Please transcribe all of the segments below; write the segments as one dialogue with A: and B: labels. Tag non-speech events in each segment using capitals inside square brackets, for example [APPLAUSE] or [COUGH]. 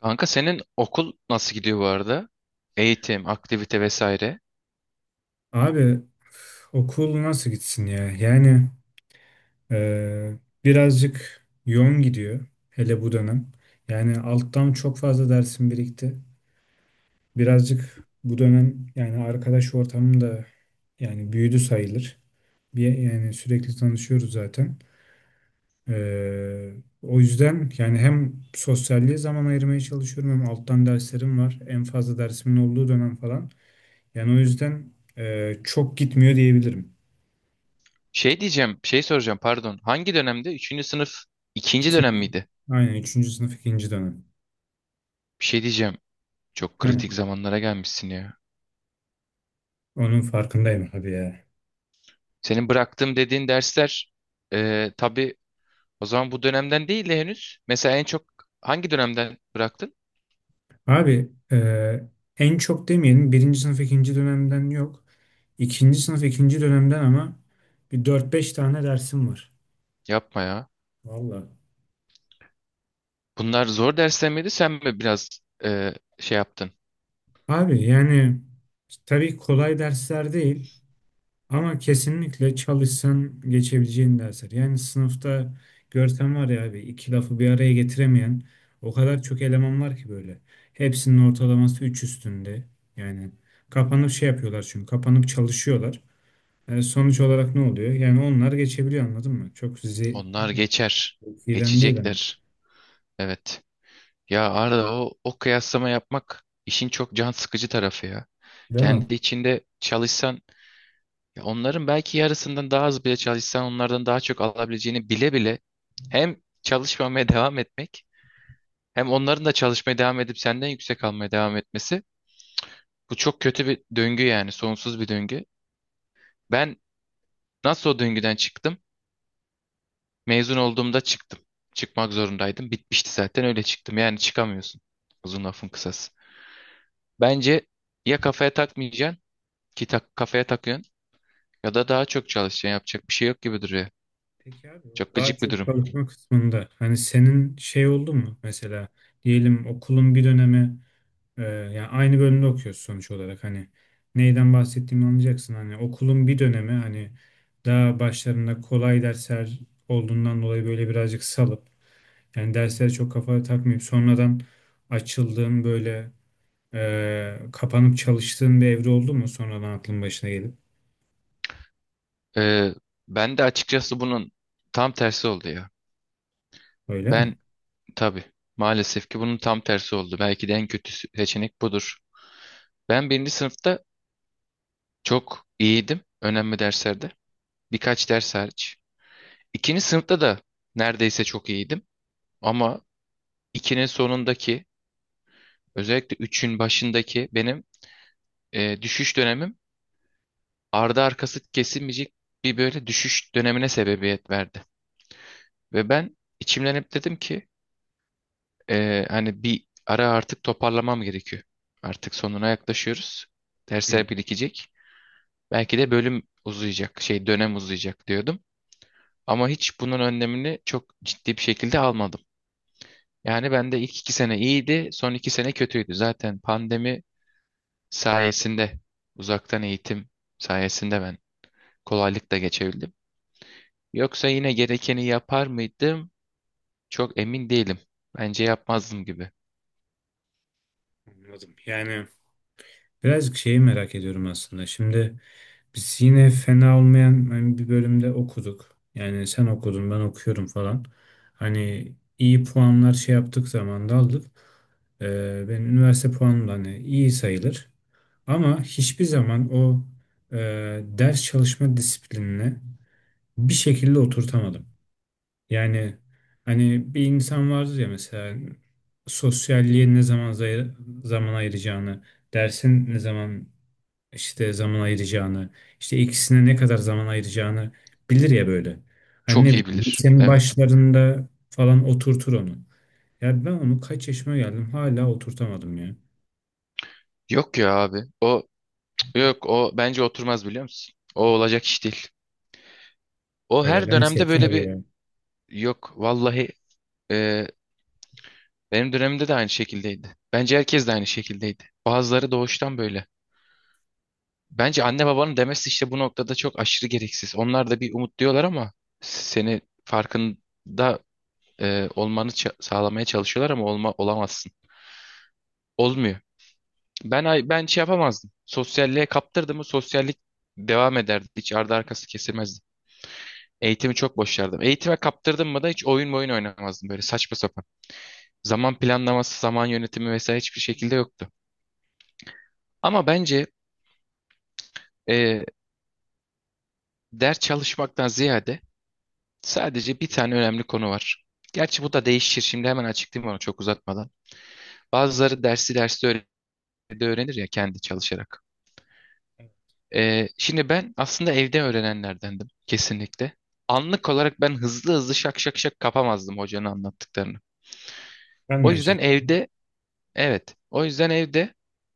A: Kanka senin okul nasıl gidiyor bu arada? Eğitim, aktivite vesaire.
B: Abi okul nasıl gitsin ya? Yani e, birazcık yoğun gidiyor hele bu dönem. Yani alttan çok fazla dersim birikti. Birazcık bu dönem yani arkadaş ortamım da yani büyüdü sayılır. Bir, yani sürekli tanışıyoruz zaten. E, O yüzden yani hem sosyalliğe zaman ayırmaya çalışıyorum hem alttan derslerim var. En fazla dersimin olduğu dönem falan. Yani o yüzden çok gitmiyor diyebilirim.
A: Şey soracağım, pardon. Hangi dönemde? Üçüncü sınıf ikinci
B: Üçüncü,
A: dönem miydi?
B: aynen üçüncü sınıf ikinci dönem.
A: Bir şey diyeceğim. Çok
B: Hı,
A: kritik zamanlara gelmişsin ya.
B: onun farkındayım abi ya.
A: Senin bıraktığım dediğin dersler, tabii, o zaman bu dönemden değil de henüz. Mesela en çok hangi dönemden bıraktın?
B: Abi en çok demeyelim birinci sınıf ikinci dönemden yok. İkinci sınıf ikinci dönemden ama bir dört beş tane dersim var.
A: Yapma ya.
B: Valla.
A: Bunlar zor dersler miydi? Sen mi biraz şey yaptın?
B: Abi yani tabii kolay dersler değil. Ama kesinlikle çalışsan geçebileceğin dersler. Yani sınıfta görsen var ya abi iki lafı bir araya getiremeyen o kadar çok eleman var ki böyle. Hepsinin ortalaması 3 üstünde. Yani kapanıp şey yapıyorlar çünkü kapanıp çalışıyorlar. Sonuç olarak ne oluyor? Yani onlar geçebiliyor anladın mı? Çok sizi
A: Onlar
B: yani,
A: geçer.
B: iyiden değil hani.
A: Geçecekler. Evet. Ya Arda, o kıyaslama yapmak işin çok can sıkıcı tarafı ya.
B: Değil mi?
A: Kendi içinde çalışsan, ya onların belki yarısından daha az bile çalışsan onlardan daha çok alabileceğini bile bile, hem çalışmamaya devam etmek hem onların da çalışmaya devam edip senden yüksek almaya devam etmesi, bu çok kötü bir döngü, yani sonsuz bir döngü. Ben nasıl o döngüden çıktım? Mezun olduğumda çıktım. Çıkmak zorundaydım. Bitmişti zaten, öyle çıktım. Yani çıkamıyorsun. Uzun lafın kısası. Bence ya kafaya takmayacaksın, ki tak, kafaya takıyorsun, ya da daha çok çalışacaksın. Yapacak bir şey yok gibi duruyor.
B: Peki abi o
A: Çok
B: daha
A: gıcık bir
B: çok
A: durum.
B: çalışma kısmında hani senin şey oldu mu mesela diyelim okulun bir dönemi. Yani aynı bölümde okuyoruz sonuç olarak hani neyden bahsettiğimi anlayacaksın, hani okulun bir dönemi, hani daha başlarında kolay dersler olduğundan dolayı böyle birazcık salıp yani derslere çok kafa takmayıp sonradan açıldığın böyle kapanıp çalıştığın bir evre oldu mu sonradan aklın başına gelip?
A: Ee, Ben de açıkçası bunun tam tersi oldu ya.
B: Öyle mi?
A: Ben, tabii, maalesef ki bunun tam tersi oldu. Belki de en kötü seçenek budur. Ben birinci sınıfta çok iyiydim önemli derslerde. Birkaç ders hariç. İkinci sınıfta da neredeyse çok iyiydim. Ama ikinin sonundaki, özellikle üçün başındaki benim düşüş dönemim, ardı arkası kesilmeyecek bir böyle düşüş dönemine sebebiyet verdi. Ve ben içimden hep dedim ki, hani bir ara artık toparlamam gerekiyor. Artık sonuna yaklaşıyoruz.
B: Hı,
A: Dersler birikecek. Belki de bölüm uzayacak, şey, dönem uzayacak diyordum. Ama hiç bunun önlemini çok ciddi bir şekilde almadım. Yani ben de ilk 2 sene iyiydi, son 2 sene kötüydü. Zaten pandemi sayesinde, uzaktan eğitim sayesinde ben kolaylıkla geçebildim. Yoksa yine gerekeni yapar mıydım? Çok emin değilim. Bence yapmazdım gibi.
B: anladım. Yani birazcık şeyi merak ediyorum aslında. Şimdi biz yine fena olmayan hani bir bölümde okuduk. Yani sen okudun, ben okuyorum falan. Hani iyi puanlar şey yaptık zaman da aldık. Benim üniversite puanım da hani iyi sayılır. Ama hiçbir zaman o e, ders çalışma disiplinini bir şekilde oturtamadım. Yani hani bir insan vardır ya mesela sosyalliğe ne zaman zaman ayıracağını, dersin ne zaman işte zaman ayıracağını, işte ikisine ne kadar zaman ayıracağını bilir ya böyle. Hani
A: Çok
B: ne
A: iyi
B: bileyim
A: bilir.
B: lisenin
A: Evet.
B: başlarında falan oturtur onu. Ya ben onu kaç yaşıma geldim hala oturtamadım ya.
A: Yok ya abi. O, yok, o bence oturmaz, biliyor musun? O olacak iş değil. O
B: Öyle
A: her
B: dans
A: dönemde
B: ettiler
A: böyle bir
B: ya.
A: Yok vallahi, e, benim dönemimde de aynı şekildeydi. Bence herkes de aynı şekildeydi. Bazıları doğuştan böyle. Bence anne babanın demesi işte bu noktada çok aşırı gereksiz. Onlar da bir umut diyorlar ama seni farkında olmanı sağlamaya çalışıyorlar ama olamazsın. Olmuyor. Ben şey yapamazdım. Sosyalliğe kaptırdım mı sosyallik devam ederdi. Hiç ardı arkası kesilmezdi. Eğitimi çok boşardım. Eğitime kaptırdım mı da hiç oyun oynamazdım böyle saçma sapan. Zaman planlaması, zaman yönetimi vesaire hiçbir şekilde yoktu. Ama bence e, ders çalışmaktan ziyade sadece bir tane önemli konu var. Gerçi bu da değişir. Şimdi hemen açıklayayım, onu çok uzatmadan. Bazıları dersi derste de öğrenir ya, kendi çalışarak. Şimdi ben aslında evde öğrenenlerdendim, kesinlikle. Anlık olarak ben hızlı hızlı şak şak şak kapamazdım hocanın anlattıklarını.
B: Ben de
A: O
B: aynı
A: yüzden
B: şekilde.
A: evde, evet. O yüzden evde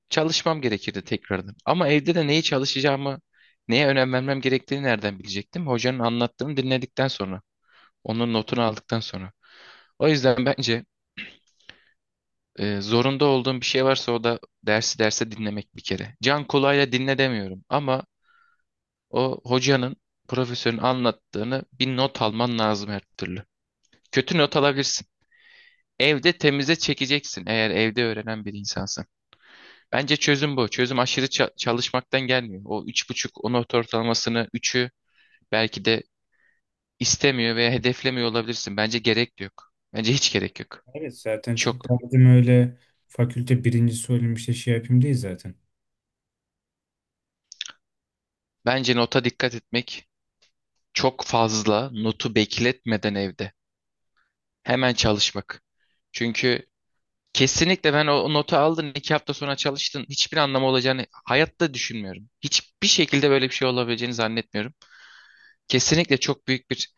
A: çalışmam gerekirdi tekrardan. Ama evde de neyi çalışacağımı, neye önem vermem gerektiğini nereden bilecektim? Hocanın anlattığını dinledikten sonra, onun notunu aldıktan sonra. O yüzden bence zorunda olduğum bir şey varsa o da dersi derse dinlemek, bir kere. Can kulağıyla dinle demiyorum ama o hocanın, profesörün anlattığını bir not alman lazım, her türlü. Kötü not alabilirsin. Evde temize çekeceksin, eğer evde öğrenen bir insansan. Bence çözüm bu. Çözüm aşırı çalışmaktan gelmiyor. O 3,5, o not ortalamasını, üçü belki de istemiyor veya hedeflemiyor olabilirsin. Bence gerek de yok. Bence hiç gerek yok.
B: Evet, zaten çok
A: Çok.
B: derdim öyle fakülte birincisi olayım işte şey yapayım değil zaten.
A: Bence nota dikkat etmek, çok fazla notu bekletmeden evde. Hemen çalışmak. Çünkü kesinlikle, ben o notu aldın 2 hafta sonra çalıştın, hiçbir anlamı olacağını hayatta düşünmüyorum. Hiçbir şekilde böyle bir şey olabileceğini zannetmiyorum. Kesinlikle çok büyük bir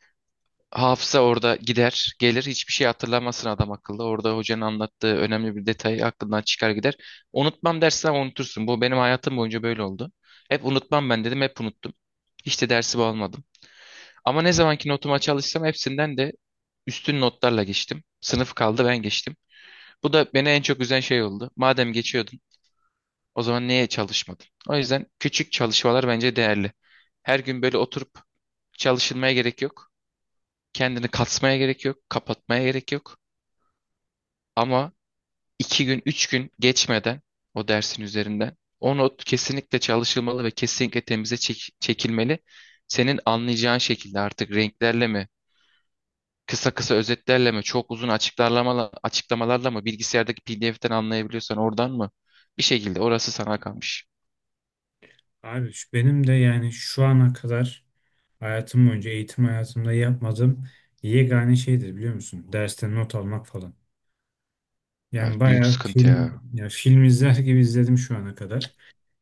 A: hafıza orada gider gelir, hiçbir şey hatırlamasın adam akıllı. Orada hocanın anlattığı önemli bir detayı aklından çıkar gider. Unutmam dersen unutursun, bu benim hayatım boyunca böyle oldu. Hep unutmam ben dedim, hep unuttum. Hiç de dersi almadım. Ama ne zamanki notuma çalışsam, hepsinden de üstün notlarla geçtim. Sınıf kaldı, ben geçtim. Bu da beni en çok üzen şey oldu. Madem geçiyordun, o zaman neye çalışmadın? O yüzden küçük çalışmalar bence değerli. Her gün böyle oturup çalışılmaya gerek yok. Kendini kasmaya gerek yok. Kapatmaya gerek yok. Ama 2 gün, 3 gün geçmeden o dersin üzerinden o not kesinlikle çalışılmalı ve kesinlikle temize çekilmeli. Senin anlayacağın şekilde, artık renklerle mi, kısa kısa özetlerle mi, çok uzun açıklamalarla mı, bilgisayardaki PDF'ten anlayabiliyorsan oradan mı? Bir şekilde orası sana kalmış.
B: Abi benim de yani şu ana kadar hayatım boyunca eğitim hayatımda yapmadığım yegane şeydir biliyor musun? Dersten not almak falan. Yani
A: Evet, büyük
B: bayağı
A: sıkıntı
B: film
A: ya.
B: ya film izler gibi izledim şu ana kadar.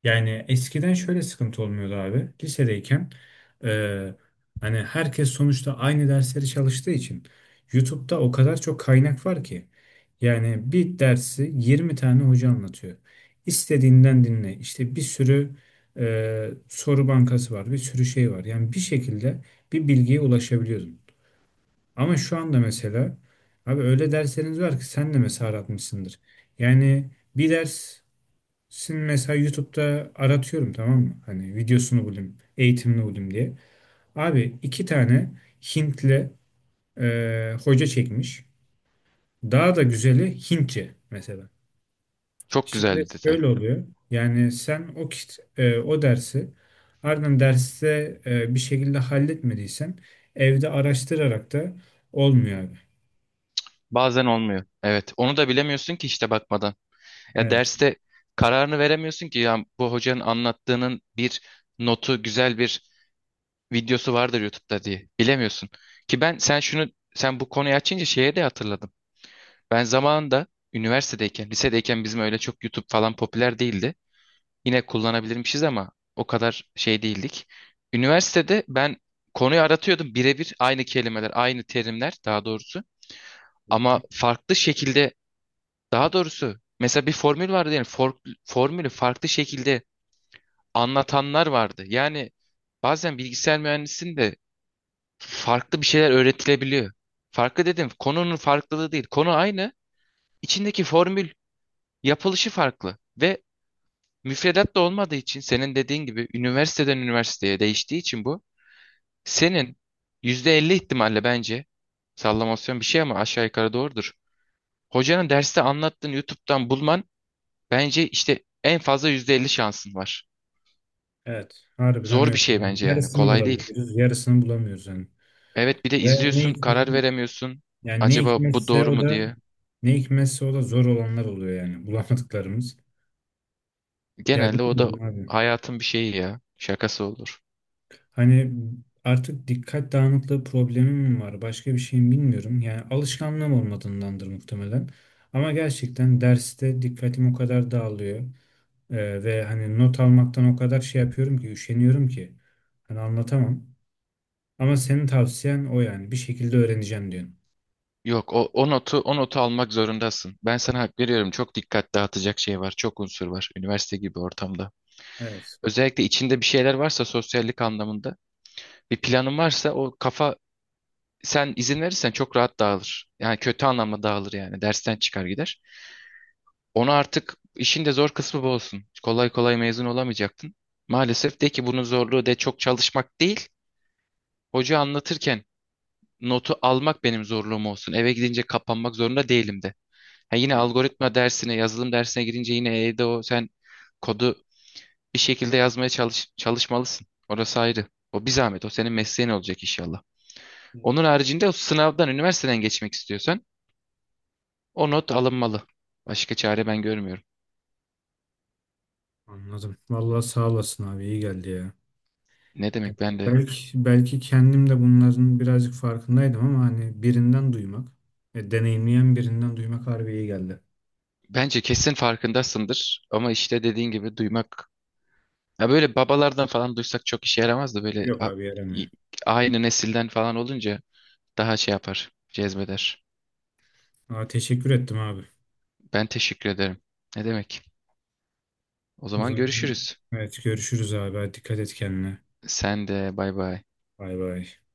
B: Yani eskiden şöyle sıkıntı olmuyordu abi. Lisedeyken e, hani herkes sonuçta aynı dersleri çalıştığı için YouTube'da o kadar çok kaynak var ki. Yani bir dersi 20 tane hoca anlatıyor. İstediğinden dinle. İşte bir sürü soru bankası var, bir sürü şey var. Yani bir şekilde bir bilgiye ulaşabiliyordum. Ama şu anda mesela abi öyle dersleriniz var ki sen de mesela aratmışsındır. Yani bir dersin mesela YouTube'da aratıyorum, tamam mı? Hani videosunu bulayım, eğitimini bulayım diye. Abi iki tane Hintli hoca çekmiş. Daha da güzeli Hintçe mesela.
A: Çok güzel
B: Şimdi
A: bir detay.
B: şöyle oluyor. Yani sen o o dersi ardından derste bir şekilde halletmediysen evde araştırarak da olmuyor abi.
A: Bazen olmuyor. Evet. Onu da bilemiyorsun ki, işte, bakmadan. Ya
B: Evet.
A: derste kararını veremiyorsun ki, ya bu hocanın anlattığının bir notu, güzel bir videosu vardır YouTube'da diye. Bilemiyorsun. Ki ben sen şunu Sen bu konuyu açınca şeye de hatırladım. Ben zamanında üniversitedeyken, lisedeyken bizim öyle çok YouTube falan popüler değildi. Yine kullanabilirmişiz ama o kadar şey değildik. Üniversitede ben konuyu aratıyordum, birebir aynı kelimeler, aynı terimler daha doğrusu, ama farklı şekilde. Daha doğrusu mesela bir formül vardı, yani formülü farklı şekilde anlatanlar vardı. Yani bazen bilgisayar mühendisliğinde de farklı bir şeyler öğretilebiliyor. Farklı dedim, konunun farklılığı değil. Konu aynı. İçindeki formül yapılışı farklı ve müfredat da olmadığı için, senin dediğin gibi üniversiteden üniversiteye değiştiği için, bu senin %50 ihtimalle, bence sallamasyon bir şey ama aşağı yukarı doğrudur. Hocanın derste anlattığını YouTube'dan bulman, bence işte en fazla %50 şansın var.
B: Evet, harbiden
A: Zor
B: öyle.
A: bir şey
B: Yani
A: bence yani.
B: yarısını
A: Kolay değil.
B: bulabiliyoruz, yarısını bulamıyoruz yani.
A: Evet, bir de
B: Ve
A: izliyorsun, karar veremiyorsun.
B: yani
A: Acaba bu doğru mu diye.
B: ne hikmetse o da zor olanlar oluyor yani [LAUGHS] bulamadıklarımız. Ya
A: Genelde o da
B: bilmiyorum abi.
A: hayatın bir şeyi ya. Şakası olur.
B: Hani artık dikkat dağınıklığı problemim mi var, başka bir şeyim bilmiyorum. Yani alışkanlığım olmadığındandır muhtemelen. Ama gerçekten derste dikkatim o kadar dağılıyor. Ve hani not almaktan o kadar şey yapıyorum ki, üşeniyorum ki. Hani anlatamam. Ama senin tavsiyen o yani. Bir şekilde öğreneceğim diyorsun.
A: Yok o, o notu O notu almak zorundasın. Ben sana hak veriyorum. Çok dikkat dağıtacak şey var. Çok unsur var. Üniversite gibi ortamda.
B: Evet.
A: Özellikle içinde bir şeyler varsa, sosyallik anlamında bir planın varsa, o kafa, sen izin verirsen çok rahat dağılır. Yani kötü anlamda dağılır, yani. Dersten çıkar gider. Onu artık işin de zor kısmı bu olsun. Kolay kolay mezun olamayacaktın. Maalesef de ki bunun zorluğu de çok çalışmak değil. Hoca anlatırken notu almak benim zorluğum olsun. Eve gidince kapanmak zorunda değilim de. Ha, yine
B: Hı.
A: algoritma dersine, yazılım dersine girince yine evde o, sen kodu bir şekilde yazmaya çalış, çalışmalısın. Orası ayrı. O bir zahmet. O senin mesleğin olacak inşallah. Onun haricinde o sınavdan, üniversiteden geçmek istiyorsan o not alınmalı. Başka çare ben görmüyorum.
B: Anladım. Vallahi sağ olasın abi. İyi geldi ya.
A: Ne
B: Evet.
A: demek, ben de.
B: Belki kendim de bunların birazcık farkındaydım ama hani birinden duymak, deneyimleyen birinden duymak harbi iyi geldi.
A: Bence kesin farkındasındır, ama işte dediğin gibi duymak, ya böyle babalardan falan duysak çok işe yaramaz, da böyle
B: Yok abi
A: i-
B: yaramıyor.
A: aynı nesilden falan olunca daha şey yapar, cezbeder.
B: Aa, teşekkür ettim abi.
A: Ben teşekkür ederim. Ne demek? O
B: O
A: zaman
B: zaman
A: görüşürüz.
B: evet görüşürüz abi. Hadi dikkat et kendine.
A: Sen de bay bay.
B: Bay bay.